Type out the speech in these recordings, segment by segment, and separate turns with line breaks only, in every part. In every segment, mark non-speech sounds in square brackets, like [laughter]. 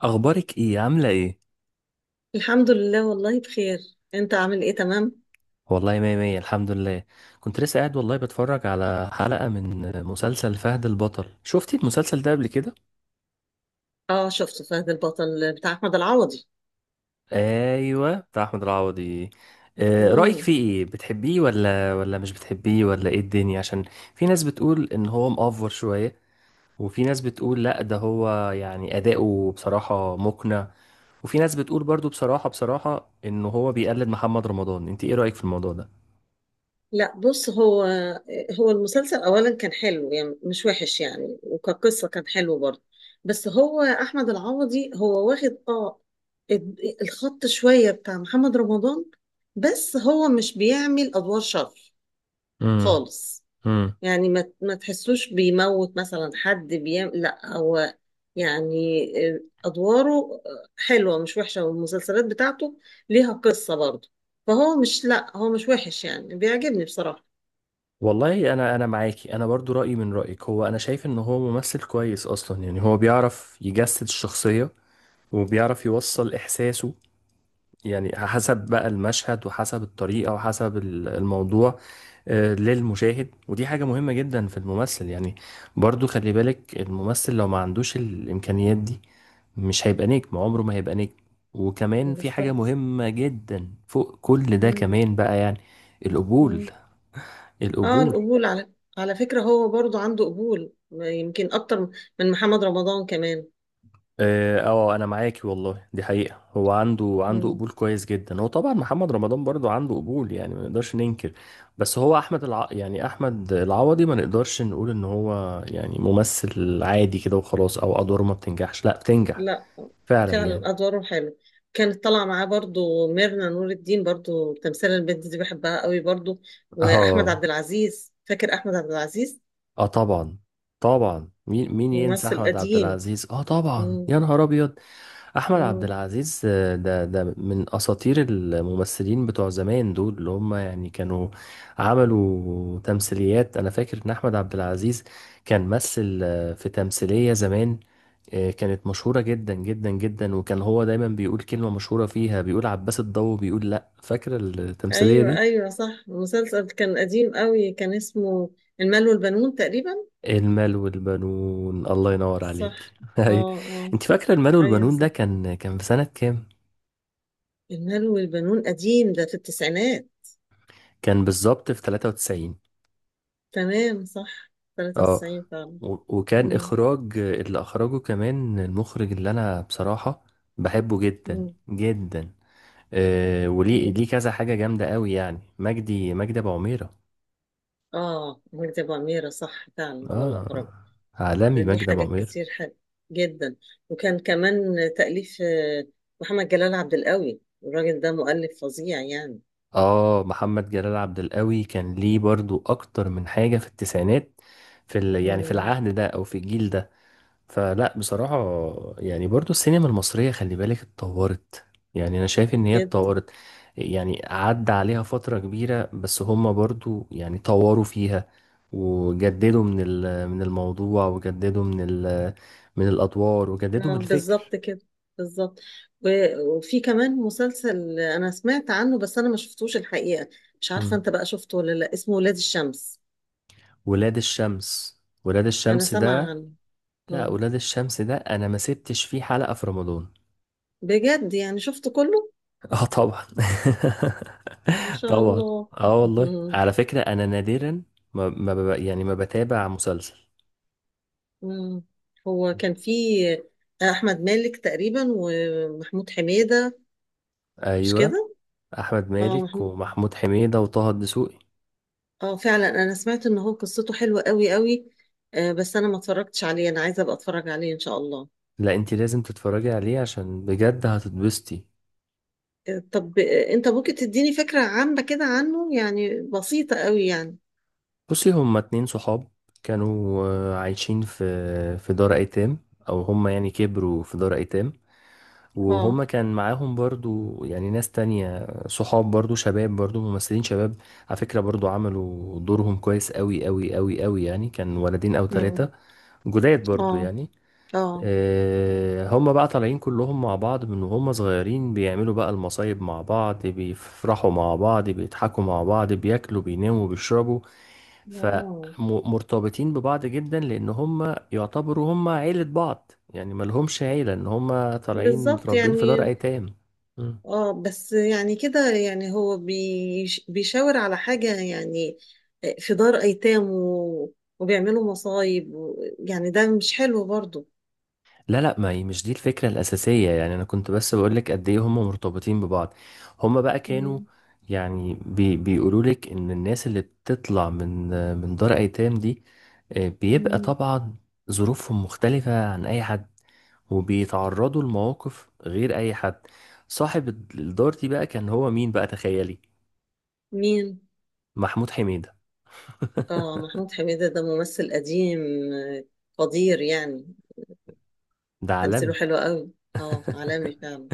اخبارك ايه، عامله ايه؟
الحمد لله، والله بخير. انت عامل ايه؟ تمام.
والله مية مية، الحمد لله. كنت لسه قاعد والله بتفرج على حلقه من مسلسل فهد البطل. شفتي المسلسل ده قبل كده؟
اه، شفت فهد البطل بتاع احمد العوضي.
ايوه، بتاع احمد العوضي. رايك
مم.
فيه ايه؟ بتحبيه ولا مش بتحبيه، ولا ايه الدنيا؟ عشان في ناس بتقول ان هو مأفور شويه، وفي ناس بتقول لا، ده هو يعني اداؤه بصراحه مقنع، وفي ناس بتقول برضو بصراحه ان هو بيقلد محمد رمضان. انت ايه رايك في الموضوع ده؟
لا، بص، هو المسلسل اولا كان حلو، يعني مش وحش، يعني وكقصة كان حلو برضه. بس هو احمد العوضي هو واخد الخط شوية بتاع محمد رمضان. بس هو مش بيعمل ادوار شر خالص.
امم.
يعني ما تحسوش بيموت مثلا حد بيعمل، لا هو يعني آه، ادواره حلوه مش وحشه، والمسلسلات بتاعته ليها قصه برضه. فهو مش، لا هو مش وحش، يعني بيعجبني بصراحه.
والله انا معاكي، انا برضو رايي من رايك. هو انا شايف ان هو ممثل كويس اصلا، يعني هو بيعرف يجسد الشخصيه وبيعرف يوصل احساسه، يعني حسب بقى المشهد وحسب الطريقه وحسب الموضوع للمشاهد. ودي حاجه مهمه جدا في الممثل يعني. برضو خلي بالك، الممثل لو ما عندوش الامكانيات دي مش هيبقى نجم، عمره ما هيبقى نجم. وكمان في حاجه
بالظبط.
مهمه جدا فوق كل ده
مم.
كمان بقى يعني: القبول.
مم. اه،
القبول.
القبول، على فكره هو برضه عنده قبول يمكن اكتر من محمد رمضان كمان.
اه، انا معاكي والله، دي حقيقة. هو عنده
مم.
قبول كويس جدا. هو طبعا محمد رمضان برضو عنده قبول، يعني ما نقدرش ننكر. بس هو يعني احمد العوضي ما نقدرش نقول ان هو يعني ممثل عادي كده وخلاص، او ادواره ما بتنجحش، لا بتنجح
لا
فعلا يعني.
فعلا ادواره حلو، كانت طالعه معاه برضو ميرنا نور الدين، برضو تمثال البنت دي بحبها قوي برضو. واحمد
اه،
عبد العزيز، فاكر احمد عبد العزيز؟
اه، طبعا طبعا، مين ينسى
ممثل
احمد عبد
قديم.
العزيز؟ اه طبعا،
مم.
يا نهار ابيض. احمد عبد
مم.
العزيز، ده من اساطير الممثلين بتوع زمان، دول اللي هم يعني كانوا عملوا تمثيليات. انا فاكر ان احمد عبد العزيز كان مثل في تمثيلية زمان كانت مشهورة جدا جدا جدا، وكان هو دايما بيقول كلمة مشهورة فيها، بيقول عباس الضو بيقول لا. فاكر التمثيلية
ايوه،
دي؟
ايوه، صح، المسلسل كان قديم قوي، كان اسمه المال والبنون تقريبا.
المال والبنون، الله ينور عليك.
صح.
[laughs]
اه.
أيوة.
اه.
انت فاكره المال
ايوه
والبنون ده،
صح،
كان في سنه كام؟
المال والبنون قديم، ده في التسعينات.
كان بالظبط في 93.
تمام صح،
اه.
93 فعلا.
وكان
مم.
اخراج اللي اخرجه كمان المخرج اللي انا بصراحه بحبه جدا
مم.
جدا، وليه كذا حاجه جامده قوي، يعني مجدي ابو عميره.
اه، وجدي ابو اميره، صح فعلا هو الاقرب.
اه،
ده
عالمي
ليه
مجدي ابو
حاجات
عميره.
كتير حلوه جدا. وكان كمان تاليف محمد جلال عبد القوي، الراجل ده مؤلف فظيع يعني.
اه، محمد جلال عبد القوي كان ليه برضو اكتر من حاجة في التسعينات، يعني في
مم.
العهد ده او في الجيل ده. فلا بصراحة، يعني برضو السينما المصرية خلي بالك اتطورت، يعني انا شايف ان هي
جدا.
اتطورت. يعني عدى عليها فترة كبيرة، بس هما برضو يعني طوروا فيها وجددوا من من الموضوع، وجددوا من من الادوار، وجددوا من الفكر.
بالظبط كده، بالظبط. وفي كمان مسلسل انا سمعت عنه، بس انا ما شفتوش الحقيقه. مش عارفه
مم.
انت بقى شفته ولا لا، اسمه ولاد الشمس.
ولاد الشمس. ولاد
انا
الشمس
سامعه
ده.
عنه.
لا،
مم.
ولاد الشمس ده انا ما سبتش فيه حلقة في رمضان.
بجد يعني شفته كله؟
اه طبعا.
ان
[laughs]
شاء
طبعا.
الله.
اه والله،
[laughs]
على فكرة انا نادرا ما يعني ما بتابع مسلسل.
مم. هو كان في احمد مالك تقريبا، ومحمود حميدة، مش
ايوه.
كده؟
احمد
اه
مالك
محمود.
ومحمود حميدة وطه الدسوقي.
اه فعلا انا سمعت ان هو قصته حلوة قوي قوي. بس انا ما اتفرجتش عليه، انا عايزة ابقى اتفرج عليه ان شاء الله.
لا، انت لازم تتفرجي عليه عشان بجد هتتبسطي.
طب انت ممكن تديني فكرة عامة كده عنه؟ يعني بسيطة قوي يعني.
بصي، هما اتنين صحاب كانوا عايشين في دار ايتام، او هما يعني كبروا في دار ايتام.
اه.
وهم كان معاهم برضو يعني ناس تانية صحاب، برضو شباب، برضو ممثلين شباب، على فكرة، برضو عملوا دورهم كويس قوي قوي قوي قوي، يعني كان ولدين أو
مم.
ثلاثة جداد برضو
اه.
يعني.
اه.
هم بقى طالعين كلهم مع بعض من وهم صغيرين، بيعملوا بقى المصايب مع بعض، بيفرحوا مع بعض، بيضحكوا مع بعض، بياكلوا بيناموا بيشربوا،
اه.
فمرتبطين ببعض جدا لان هم يعتبروا هم عيلة بعض، يعني ما لهمش عيلة، ان هم طالعين
بالظبط
متربين في دار
يعني.
ايتام. مم.
اه، بس يعني كده، يعني هو بيشاور على حاجة يعني. في دار أيتام وبيعملوا مصايب، يعني ده مش حلو برضو.
لا، لا، ما هي مش دي الفكرة الأساسية، يعني أنا كنت بس بقولك قد إيه هم مرتبطين ببعض. هم بقى كانوا
مم.
يعني بيقولوا لك إن الناس اللي بتطلع من من دار أيتام دي بيبقى
مم.
طبعا ظروفهم مختلفة عن أي حد وبيتعرضوا لمواقف غير اي حد. صاحب الدار دي بقى كان هو مين بقى؟ تخيلي!
مين؟
محمود حميدة. [laughs]
اه، محمود حميدة ده ممثل قديم، آه، قدير يعني.
ده
تمثيله
عالمي
حلو قوي. اه، عالمي فعلا.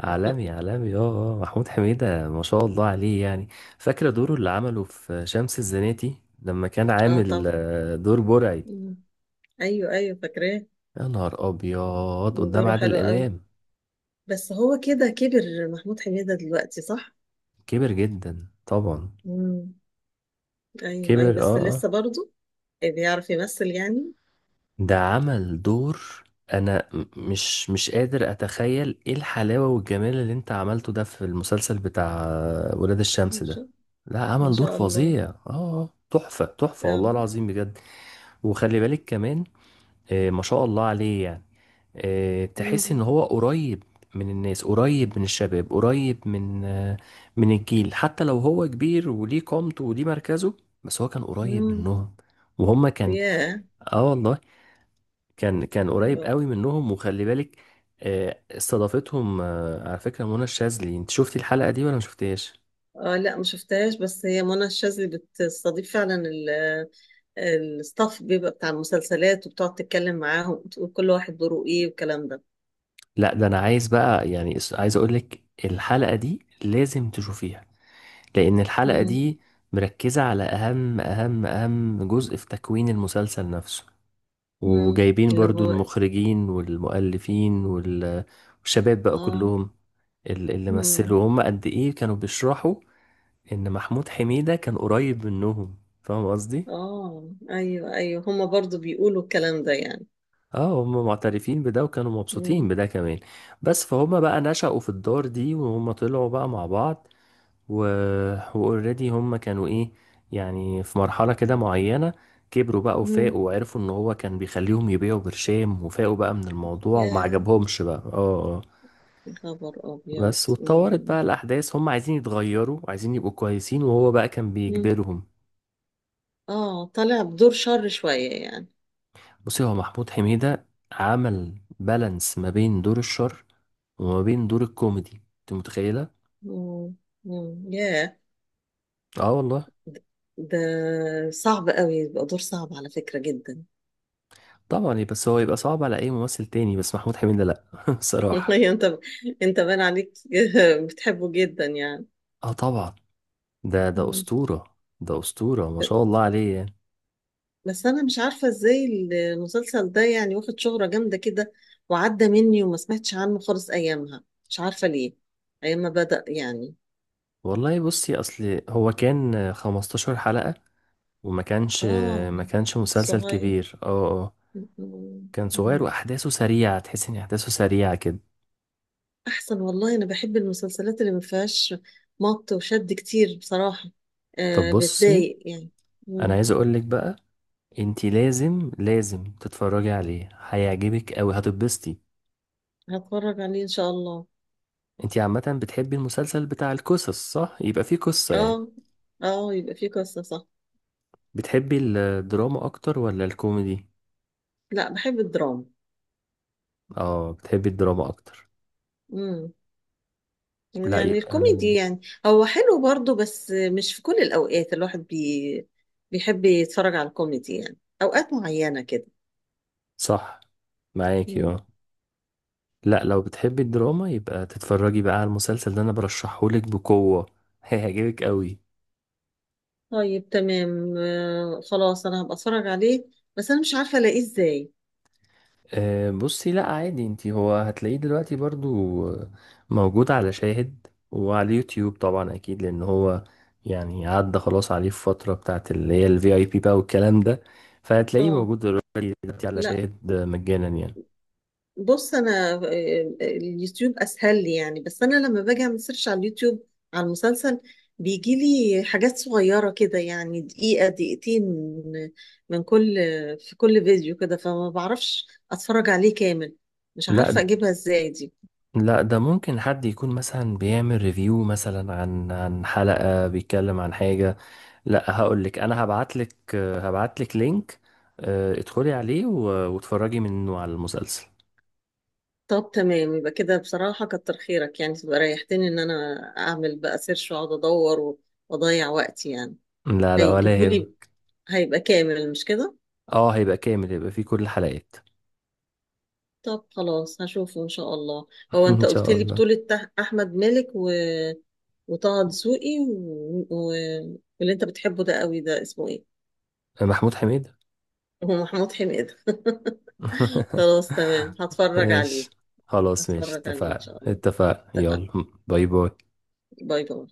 عالمي عالمي. اه، اه، محمود حميدة ما شاء الله عليه يعني. فاكرة دوره اللي عمله في شمس الزناتي لما كان
اه
عامل
طبعا.
دور برعي،
مم. ايوه ايوه فاكراه.
يا نهار أبيض، قدام
دوره
عادل
حلو قوي.
إمام؟
بس هو كده كبر محمود حميدة دلوقتي، صح؟
كبر جدا طبعا.
مم. ايوه، ايوه،
كبر،
بس
اه، اه.
لسه برضو بيعرف يمثل يعني.
ده عمل دور. انا مش قادر اتخيل ايه الحلاوة والجمال اللي انت عملته ده في المسلسل بتاع ولاد الشمس
ما
ده.
شاء
لا،
ما
عمل دور
شاء الله.
فظيع. اه، تحفة تحفة
اه.
والله العظيم بجد. وخلي بالك كمان، ما شاء الله عليه يعني. تحس ان
امم
هو قريب من الناس، قريب من الشباب، قريب من من الجيل، حتى لو هو كبير وليه قامته وليه مركزه، بس هو كان قريب
امم
منهم. وهم كان،
ياه.
اه والله كان قريب قوي منهم. وخلي بالك، استضافتهم على فكرة منى الشاذلي. انت شفتي الحلقة دي ولا ما شفتيهاش؟
اه، لا ما شفتهاش، بس هي منى الشاذلي بتستضيف فعلا الستاف، بيبقى بتاع المسلسلات، وبتقعد تتكلم معاهم وتقول كل واحد دوره ايه، والكلام ده.
لا، ده انا عايز بقى يعني عايز اقول لك الحلقة دي لازم تشوفيها، لان الحلقة
امم
دي مركزة على اهم اهم اهم جزء في تكوين المسلسل نفسه.
امم
وجايبين
اللي
برضو
هو،
المخرجين والمؤلفين والشباب بقى
اه،
كلهم، اللي
امم
مثلوا، هم قد ايه كانوا بيشرحوا ان محمود حميدة كان قريب منهم. فاهم قصدي؟
اه، ايوه ايوه هما برضو بيقولوا الكلام ده يعني.
اه، هم معترفين بده وكانوا مبسوطين
امم
بده كمان. بس فهم بقى نشأوا في الدار دي وهم طلعوا بقى مع بعض و... واوريدي هم كانوا ايه؟ يعني في مرحلة كده معينة كبروا بقى
امم
وفاقوا وعرفوا ان هو كان بيخليهم يبيعوا برشام، وفاقوا بقى من الموضوع وما
ياه،
عجبهمش بقى. اه، اه.
يا خبر ابيض.
بس واتطورت بقى الاحداث، هم عايزين يتغيروا وعايزين يبقوا كويسين وهو بقى كان
مم.
بيجبرهم.
اه، طالع بدور شر شوية يعني.
بصي، هو محمود حميدة عمل بالانس ما بين دور الشر وما بين دور الكوميدي. انت متخيلة؟
مم. مم. ياه.
اه والله.
ده ده صعب قوي، يبقى دور صعب على فكرة جدا.
طبعا بس هو يبقى صعب على اي ممثل تاني، بس محمود حميدة لا. [laughs]
[laughs]
بصراحة.
أيوة، انت باين عليك. [laughs] بتحبه جدا يعني.
اه طبعا، ده
مم.
اسطورة، ده اسطورة ما
ب-
شاء الله عليه يعني.
بس انا مش عارفة ازاي المسلسل ده يعني واخد شهرة جامدة كده، وعدى مني وما سمعتش عنه خالص ايامها، مش عارفة ليه، ايام ما بدأ يعني.
والله بصي، اصل هو كان 15 حلقة، وما كانش
اه.
ما كانش مسلسل
صغير.
كبير. اه، اه.
مم.
كان صغير
مم.
واحداثه سريعة، تحس ان احداثه سريعة كده.
احسن والله، انا بحب المسلسلات اللي ما فيهاش مط وشد كتير بصراحه.
طب بصي،
بتضايق يعني.
انا
مم.
عايز اقول لك بقى، انتي لازم لازم تتفرجي عليه، هيعجبك اوي، هتتبسطي.
هتفرج عليه ان شاء الله.
انتي عامة بتحبي المسلسل بتاع القصص، صح؟ يبقى فيه قصة يعني.
اه. اه يبقى فيه قصه، صح.
بتحبي الدراما اكتر ولا الكوميدي؟
لا بحب الدراما.
اه، بتحبي الدراما اكتر.
مم.
لا
يعني
يبقى
الكوميدي يعني هو حلو برضو، بس مش في كل الاوقات الواحد بيحب يتفرج على الكوميدي، يعني اوقات معينه كده.
صح، معاكي،
مم.
اه. لا، لو بتحبي الدراما يبقى تتفرجي بقى على المسلسل ده، انا برشحهولك بقوة. [laughs] هيعجبك اوي.
طيب تمام، خلاص انا هبقى اتفرج عليه. بس انا مش عارفه الاقيه ازاي.
أه بصي، لا عادي، انتي هو هتلاقيه دلوقتي برضو موجود على شاهد وعلى يوتيوب طبعا، اكيد لان هو يعني عدى خلاص عليه الفترة بتاعت اللي هي الفي اي بي بقى والكلام ده، فهتلاقيه
اه.
موجود دلوقتي دلوقتي على
لا
شاهد مجانا يعني.
بص، انا اليوتيوب اسهل لي يعني، بس انا لما باجي اعمل سيرش على اليوتيوب على المسلسل، بيجي لي حاجات صغيره كده يعني، دقيقه دقيقتين من كل، في كل فيديو كده، فما بعرفش اتفرج عليه كامل، مش
لا،
عارفه اجيبها ازاي دي.
لا، ده ممكن حد يكون مثلا بيعمل ريفيو مثلا عن حلقة، بيتكلم عن حاجة. لا، هقول لك انا، هبعت لك لينك. ادخلي عليه واتفرجي منه على المسلسل.
طب تمام، يبقى كده بصراحه كتر خيرك يعني، تبقى ريحتني ان انا اعمل بقى سيرش واقعد ادور واضيع وقتي يعني.
لا، لا، ولا يهم.
هيجيبولي هيبقى كامل، مش كده؟
اه، هيبقى كامل، هيبقى فيه كل الحلقات.
طب خلاص، هشوفه ان شاء الله.
[laughs]
هو انت
ان
قلت
شاء
لي
الله.
بطولة احمد مالك، وطه دسوقي، و... واللي انت بتحبه ده قوي، ده اسمه ايه؟
محمود حميد.
هو محمود حميدة. [laughs]
[laughs]
خلاص تمام هتفرج عليه.
ماشي. خلاص ماشي،
هتفرج عليه ان
اتفقنا
شاء الله.
اتفقنا،
اتفقنا.
يلا. باي باي.
باي باي.